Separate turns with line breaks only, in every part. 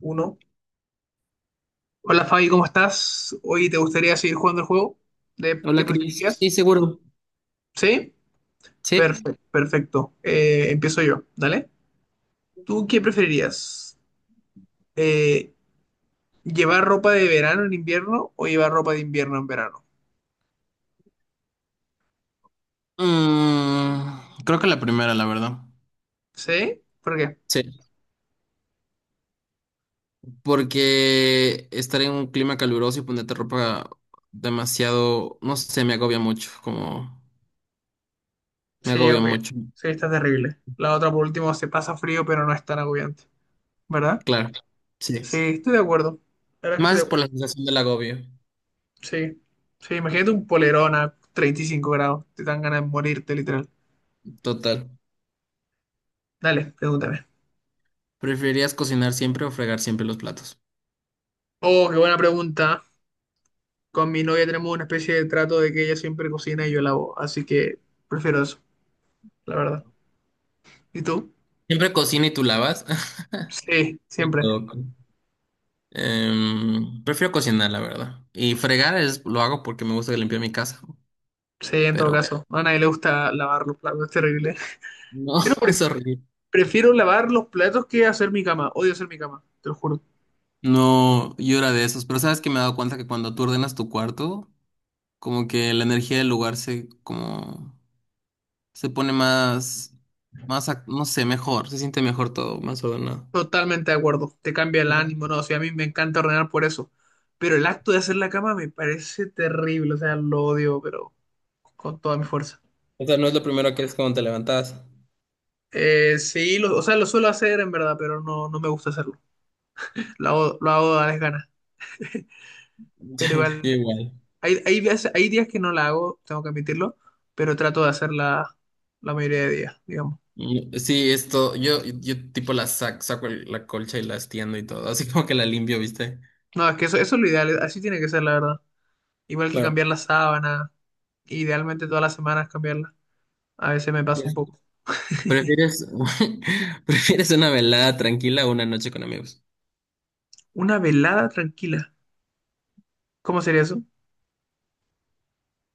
Uno. Hola Fabi, ¿cómo estás? Hoy te gustaría seguir jugando el juego. ¿De qué
Hola, Cris.
preferirías?
Sí, seguro.
¿Sí?
Sí.
Perfecto, perfecto. Empiezo yo, ¿dale? ¿Tú qué preferirías? Eh, ¿Llevar ropa de verano en invierno o llevar ropa de invierno en verano?
Creo que la primera, la verdad.
¿Sí? ¿Por qué?
Sí. Porque estar en un clima caluroso y ponerte ropa demasiado, no sé, me agobia mucho, como me
Sí,
agobia
obvio.
mucho.
Sí, está terrible. La otra, por último, se pasa frío, pero no es tan agobiante, ¿verdad?
Claro. Sí.
Sí, estoy de acuerdo. La verdad es que estoy de
Más por
acuerdo.
la sensación del agobio.
Sí. Sí, imagínate un polerón a 35 grados. Te dan ganas de morirte, literal.
Total.
Dale, pregúntame.
¿Preferirías cocinar siempre o fregar siempre los platos?
Oh, qué buena pregunta. Con mi novia tenemos una especie de trato de que ella siempre cocina y yo lavo, así que prefiero eso, la verdad. ¿Y tú?
Siempre cocina y tú lavas.
Sí,
Qué
siempre.
loco. Prefiero cocinar, la verdad. Y fregar lo hago porque me gusta limpiar mi casa,
Sí, en todo
pero
caso. A nadie le gusta lavar los platos, es terrible.
no,
Pero pre-
es horrible.
Prefiero lavar los platos que hacer mi cama. Odio hacer mi cama, te lo juro.
No, yo era de esos, pero sabes que me he dado cuenta que cuando tú ordenas tu cuarto, como que la energía del lugar se como se pone más no sé, mejor, se siente mejor todo, más ordenado.
Totalmente de acuerdo. Te cambia el
Ajá.
ánimo, no, o sea, a mí me encanta ordenar por eso. Pero el acto de hacer la cama me parece terrible, o sea, lo odio, pero con toda mi fuerza.
O sea, no es lo primero que es cuando te levantas.
Sí, o sea, lo suelo hacer en verdad, pero no me gusta hacerlo. Lo hago a las ganas. Pero
Yo
igual,
igual.
hay días que no la hago, tengo que admitirlo, pero trato de hacerla la mayoría de días, digamos.
Sí, esto, yo tipo saco la colcha y la extiendo y todo, así como que la limpio, ¿viste?
No, es que eso es lo ideal, así tiene que ser, la verdad. Igual que
Claro.
cambiar la sábana, idealmente todas las semanas cambiarla. A veces me pasa un poco.
¿Prefieres, Prefieres una velada tranquila o una noche con amigos?
Una velada tranquila, ¿cómo sería eso?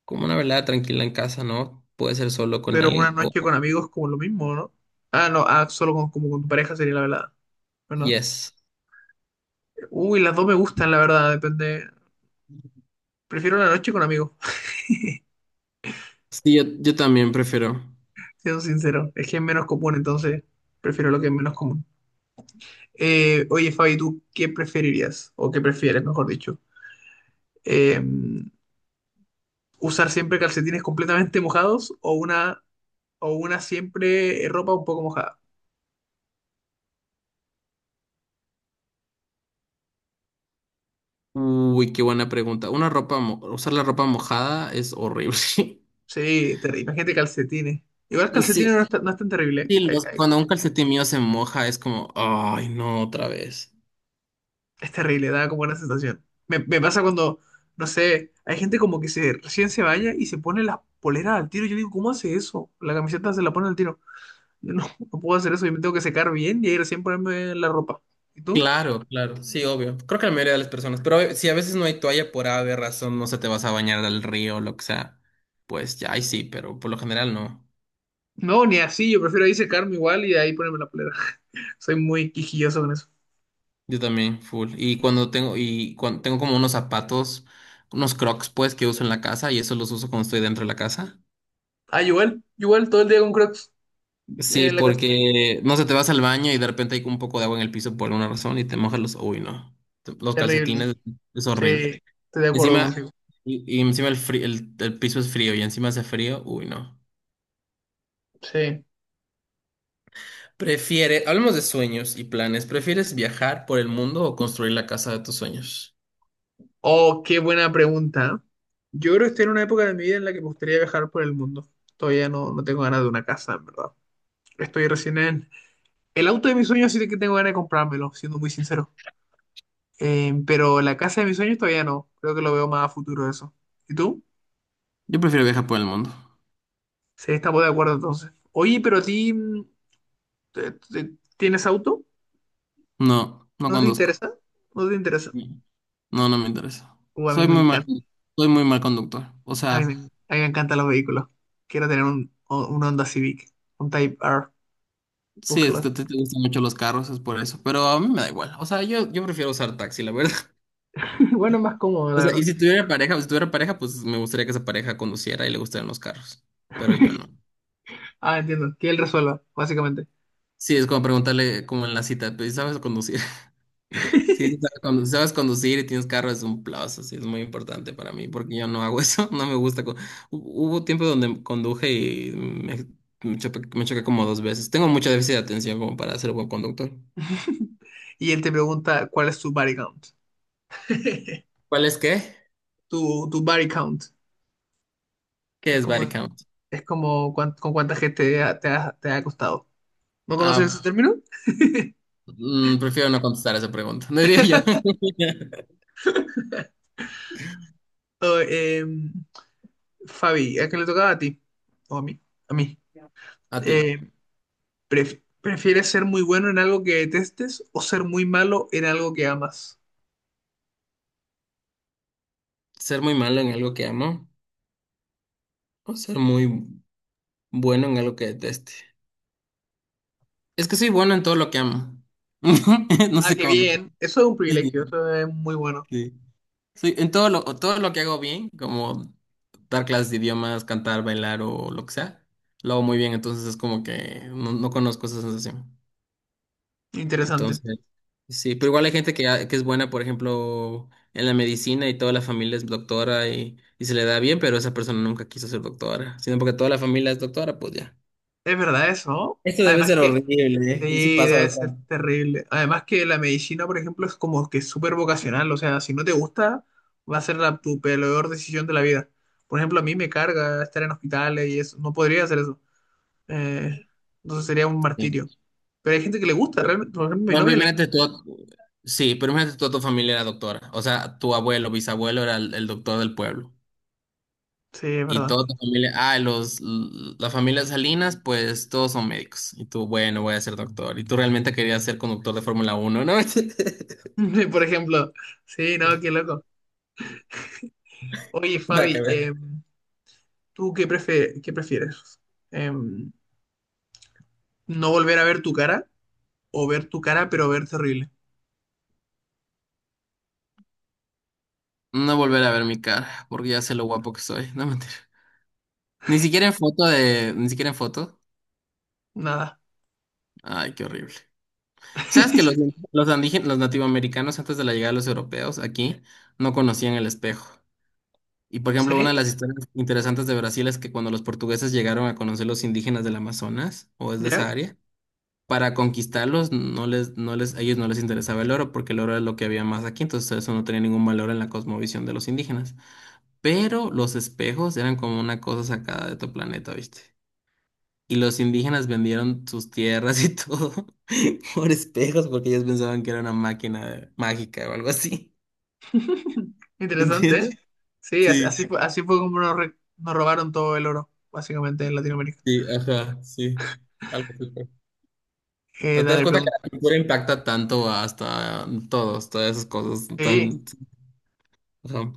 Como una velada tranquila en casa, ¿no? Puede ser solo con
Pero una
alguien o
noche con amigos como lo mismo, ¿no? Ah, no, ah, solo con, como con tu pareja sería la velada, ¿verdad?
yes.
Uy, las dos me gustan, la verdad, depende. Prefiero la noche con amigos,
Sí, yo también prefiero.
siendo sincero. Es que es menos común, entonces prefiero lo que es menos común. Oye, Fabi, ¿tú qué preferirías? O qué prefieres, mejor dicho. Eh, ¿Usar siempre calcetines completamente mojados o una siempre ropa un poco mojada?
Uy, qué buena pregunta. Una ropa, usar la ropa mojada es horrible.
Sí, imagínate calcetines. Igual calcetines
Sí,
no es, tan no es tan terrible,
sí,
¿eh?
cuando un calcetín mío se moja es como, ay, no, otra vez.
Es terrible, da como una sensación. Me pasa cuando, no sé, hay gente como que se recién se baña y se pone las poleras al tiro. Yo digo, ¿cómo hace eso? La camiseta se la pone al tiro. Yo no, no puedo hacer eso, yo me tengo que secar bien y ahí recién ponerme la ropa. ¿Y tú?
Claro, claro, sí, obvio. Creo que la mayoría de las personas, pero si a veces no hay toalla por ave razón, no se te vas a bañar al río o lo que sea, pues ya ahí sí, pero por lo general no.
No, ni así, yo prefiero ahí secarme igual y de ahí ponerme la polera. Soy muy quisquilloso con eso.
Yo también, full. Y cuando tengo como unos zapatos, unos crocs, pues, que uso en la casa, y eso los uso cuando estoy dentro de la casa.
Ah, igual todo el día con Crocs
Sí,
en la casa.
porque no sé, te vas al baño y de repente hay un poco de agua en el piso por alguna razón y te mojas los. Uy, no. Los
Terrible.
calcetines es
Sí,
horrible.
estoy de acuerdo
Encima,
contigo.
y encima el piso es frío y encima hace frío. Uy, no.
Sí.
Hablemos de sueños y planes. ¿Prefieres viajar por el mundo o construir la casa de tus sueños?
Oh, qué buena pregunta. Yo creo que estoy en una época de mi vida en la que me gustaría viajar por el mundo. Todavía no, No tengo ganas de una casa, en verdad. Estoy recién en... El auto de mis sueños sí que tengo ganas de comprármelo, siendo muy sincero. Pero la casa de mis sueños todavía no. Creo que lo veo más a futuro eso. ¿Y tú?
Yo prefiero viajar por el mundo.
Sí, estamos de acuerdo entonces. Oye, pero a ti, ¿tienes auto?
No, no
¿No te
conduzco.
interesa? ¿No te interesa?
No, no me interesa.
A mí
Soy
me
muy mal,
encanta.
soy muy mal conductor. O sea,
A mí me encantan los vehículos. Quiero tener un Honda Civic, un Type R.
sí, es
Búscalo.
que te gustan mucho los carros, es por eso. Pero a mí me da igual. O sea, yo prefiero usar taxi, la verdad.
Bueno, más cómodo, la
O sea,
verdad.
y si tuviera pareja, pues me gustaría que esa pareja conduciera y le gustaran los carros. Pero yo no.
Ah, entiendo. Que él resuelva, básicamente.
Sí, es como preguntarle como en la cita, pues, ¿sabes conducir? Sí, sí, sabes conducir y tienes carro es un plus, así es muy importante para mí, porque yo no hago eso, no me gusta. Hubo tiempo donde conduje y me choqué como 2 veces. Tengo mucho déficit de atención como para ser buen conductor.
Y él te pregunta cuál es tu body count.
¿Cuál es qué?
Tu body count.
¿Qué
Es
es
como,
body count?
es como con cuánta gente te ha costado. ¿No conoces
Ah,
ese término?
Prefiero no contestar esa pregunta, diría yo.
Oh, Fabi, ¿a qué le tocaba a ti? O a mí. A mí.
A ti,
Em, ¿Prefieres ser muy bueno en algo que detestes o ser muy malo en algo que amas?
ser muy malo en algo que amo o ser muy bueno en algo que deteste. Es que soy bueno en todo lo que amo. No
Ah,
sé
qué
cómo.
bien. Eso es un
Sí,
privilegio. Eso es muy bueno.
sí. Sí, en todo lo que hago bien, como dar clases de idiomas, cantar, bailar o lo que sea, lo hago muy bien, entonces es como que no, no conozco esa sensación.
Interesante.
Entonces, sí, pero igual hay gente que es buena, por ejemplo, en la medicina y toda la familia es doctora y se le da bien, pero esa persona nunca quiso ser doctora, sino porque toda la familia es doctora, pues ya.
Es verdad eso.
Eso debe
Además
ser
que
horrible, ¿eh? Y sí
sí,
pasa
debe ser
bastante.
terrible. Además que la medicina, por ejemplo, es como que súper vocacional. O sea, si no te gusta, va a ser tu peor decisión de la vida. Por ejemplo, a mí me carga estar en hospitales y eso. No podría hacer eso. Eh, entonces sería un martirio. Pero hay gente que le gusta,
Pero,
realmente. Por ejemplo, mi
Por ejemplo,
novia le...
imagínate tú, sí, pero imagínate toda tu familia era doctora. O sea, tu abuelo, bisabuelo era el doctor del pueblo.
Sí, es
Y
verdad.
toda tu familia, la familia Salinas, pues todos son médicos. Y tú, bueno, voy a ser doctor. Y tú realmente querías ser conductor de Fórmula 1, ¿no?
Por ejemplo. Sí, no, qué loco. Oye,
Nada que
Fabi,
ver.
¿qué prefieres? Em, ¿No volver a ver tu cara o ver tu cara pero ver terrible?
No volver a ver mi cara, porque ya sé lo guapo que soy. No, mentira. Ni siquiera en foto de, ni siquiera en foto.
Nada.
Ay, qué horrible. ¿Sabes que los nativoamericanos antes de la llegada de los europeos aquí no conocían el espejo? Y por ejemplo, una de
¿Sí?
las historias interesantes de Brasil es que cuando los portugueses llegaron a conocer los indígenas del Amazonas, o es de
¿Ya?
esa área, para conquistarlos a ellos no les interesaba el oro porque el oro es lo que había más aquí, entonces eso no tenía ningún valor en la cosmovisión de los indígenas. Pero los espejos eran como una cosa sacada de otro planeta, ¿viste? Y los indígenas vendieron sus tierras y todo por espejos porque ellos pensaban que era una máquina mágica o algo así.
Interesante, ¿eh?
¿Entiendes?
Sí, así,
Sí,
así fue como nos robaron todo el oro, básicamente, en Latinoamérica.
sí, ajá, sí. Algo así. Pero te das
Dale,
cuenta que
pregunta.
la cultura impacta tanto hasta todos, todas esas cosas
Sí,
tan... Ajá.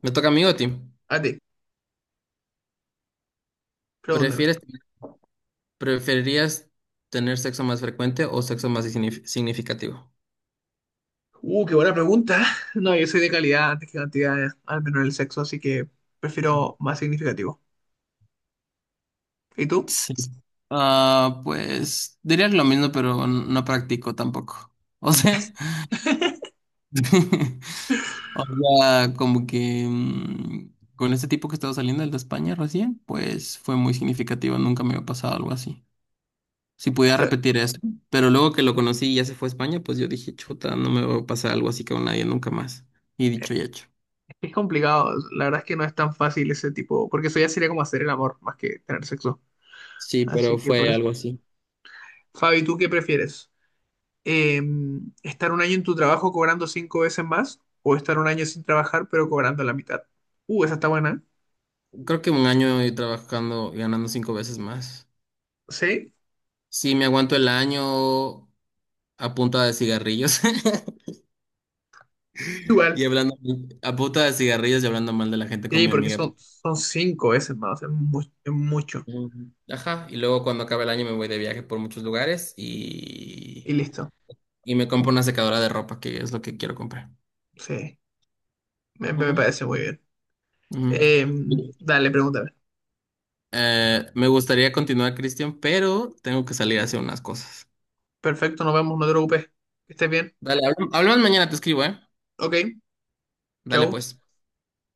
Me toca a mí o a ti.
a ti, pregúntame.
¿Prefieres, ¿Preferirías tener sexo más frecuente o sexo más significativo?
Qué buena pregunta. No, yo soy de calidad antes que cantidad, al menos en el sexo, así que prefiero más significativo. ¿Y tú?
Sí. Ah, pues diría lo mismo, pero no practico tampoco. O sea, o sea, como que con este tipo que estaba saliendo, el de España recién, pues fue muy significativo. Nunca me había pasado algo así. Si
O
pudiera
sea,
repetir eso. Pero luego que lo conocí y ya se fue a España, pues yo dije, chuta, no me va a pasar algo así con nadie nunca más. Y dicho y hecho.
es complicado, la verdad es que no es tan fácil ese tipo, porque eso ya sería como hacer el amor más que tener sexo.
Sí, pero
Así que por
fue
eso.
algo así.
Fabi, ¿tú qué prefieres? eh, estar 1 año en tu trabajo cobrando 5 veces más o estar 1 año sin trabajar pero cobrando la mitad. Esa está buena. ¿Eh?
Creo que un año y trabajando y ganando 5 veces más.
Sí,
Sí, me aguanto el año a punta de cigarrillos
igual.
y hablando a punta de cigarrillos y hablando mal de la gente con
Sí,
mi
porque
amiga.
son, son 5 veces más, o sea, es mucho.
Mm, ajá, y luego cuando acabe el año me voy de viaje por muchos lugares
Y
y,
listo.
y me compro una secadora de ropa, que es lo que quiero comprar.
Sí, me
Ujú,
parece muy bien.
ujú.
Eh, Dale, pregúntame.
Me gustaría continuar, Cristian, pero tengo que salir a hacer unas cosas.
Perfecto, nos vemos, no te preocupes. Que estés bien.
Dale, hablamos mañana, te escribo, ¿eh?
Ok,
Dale,
chau.
pues.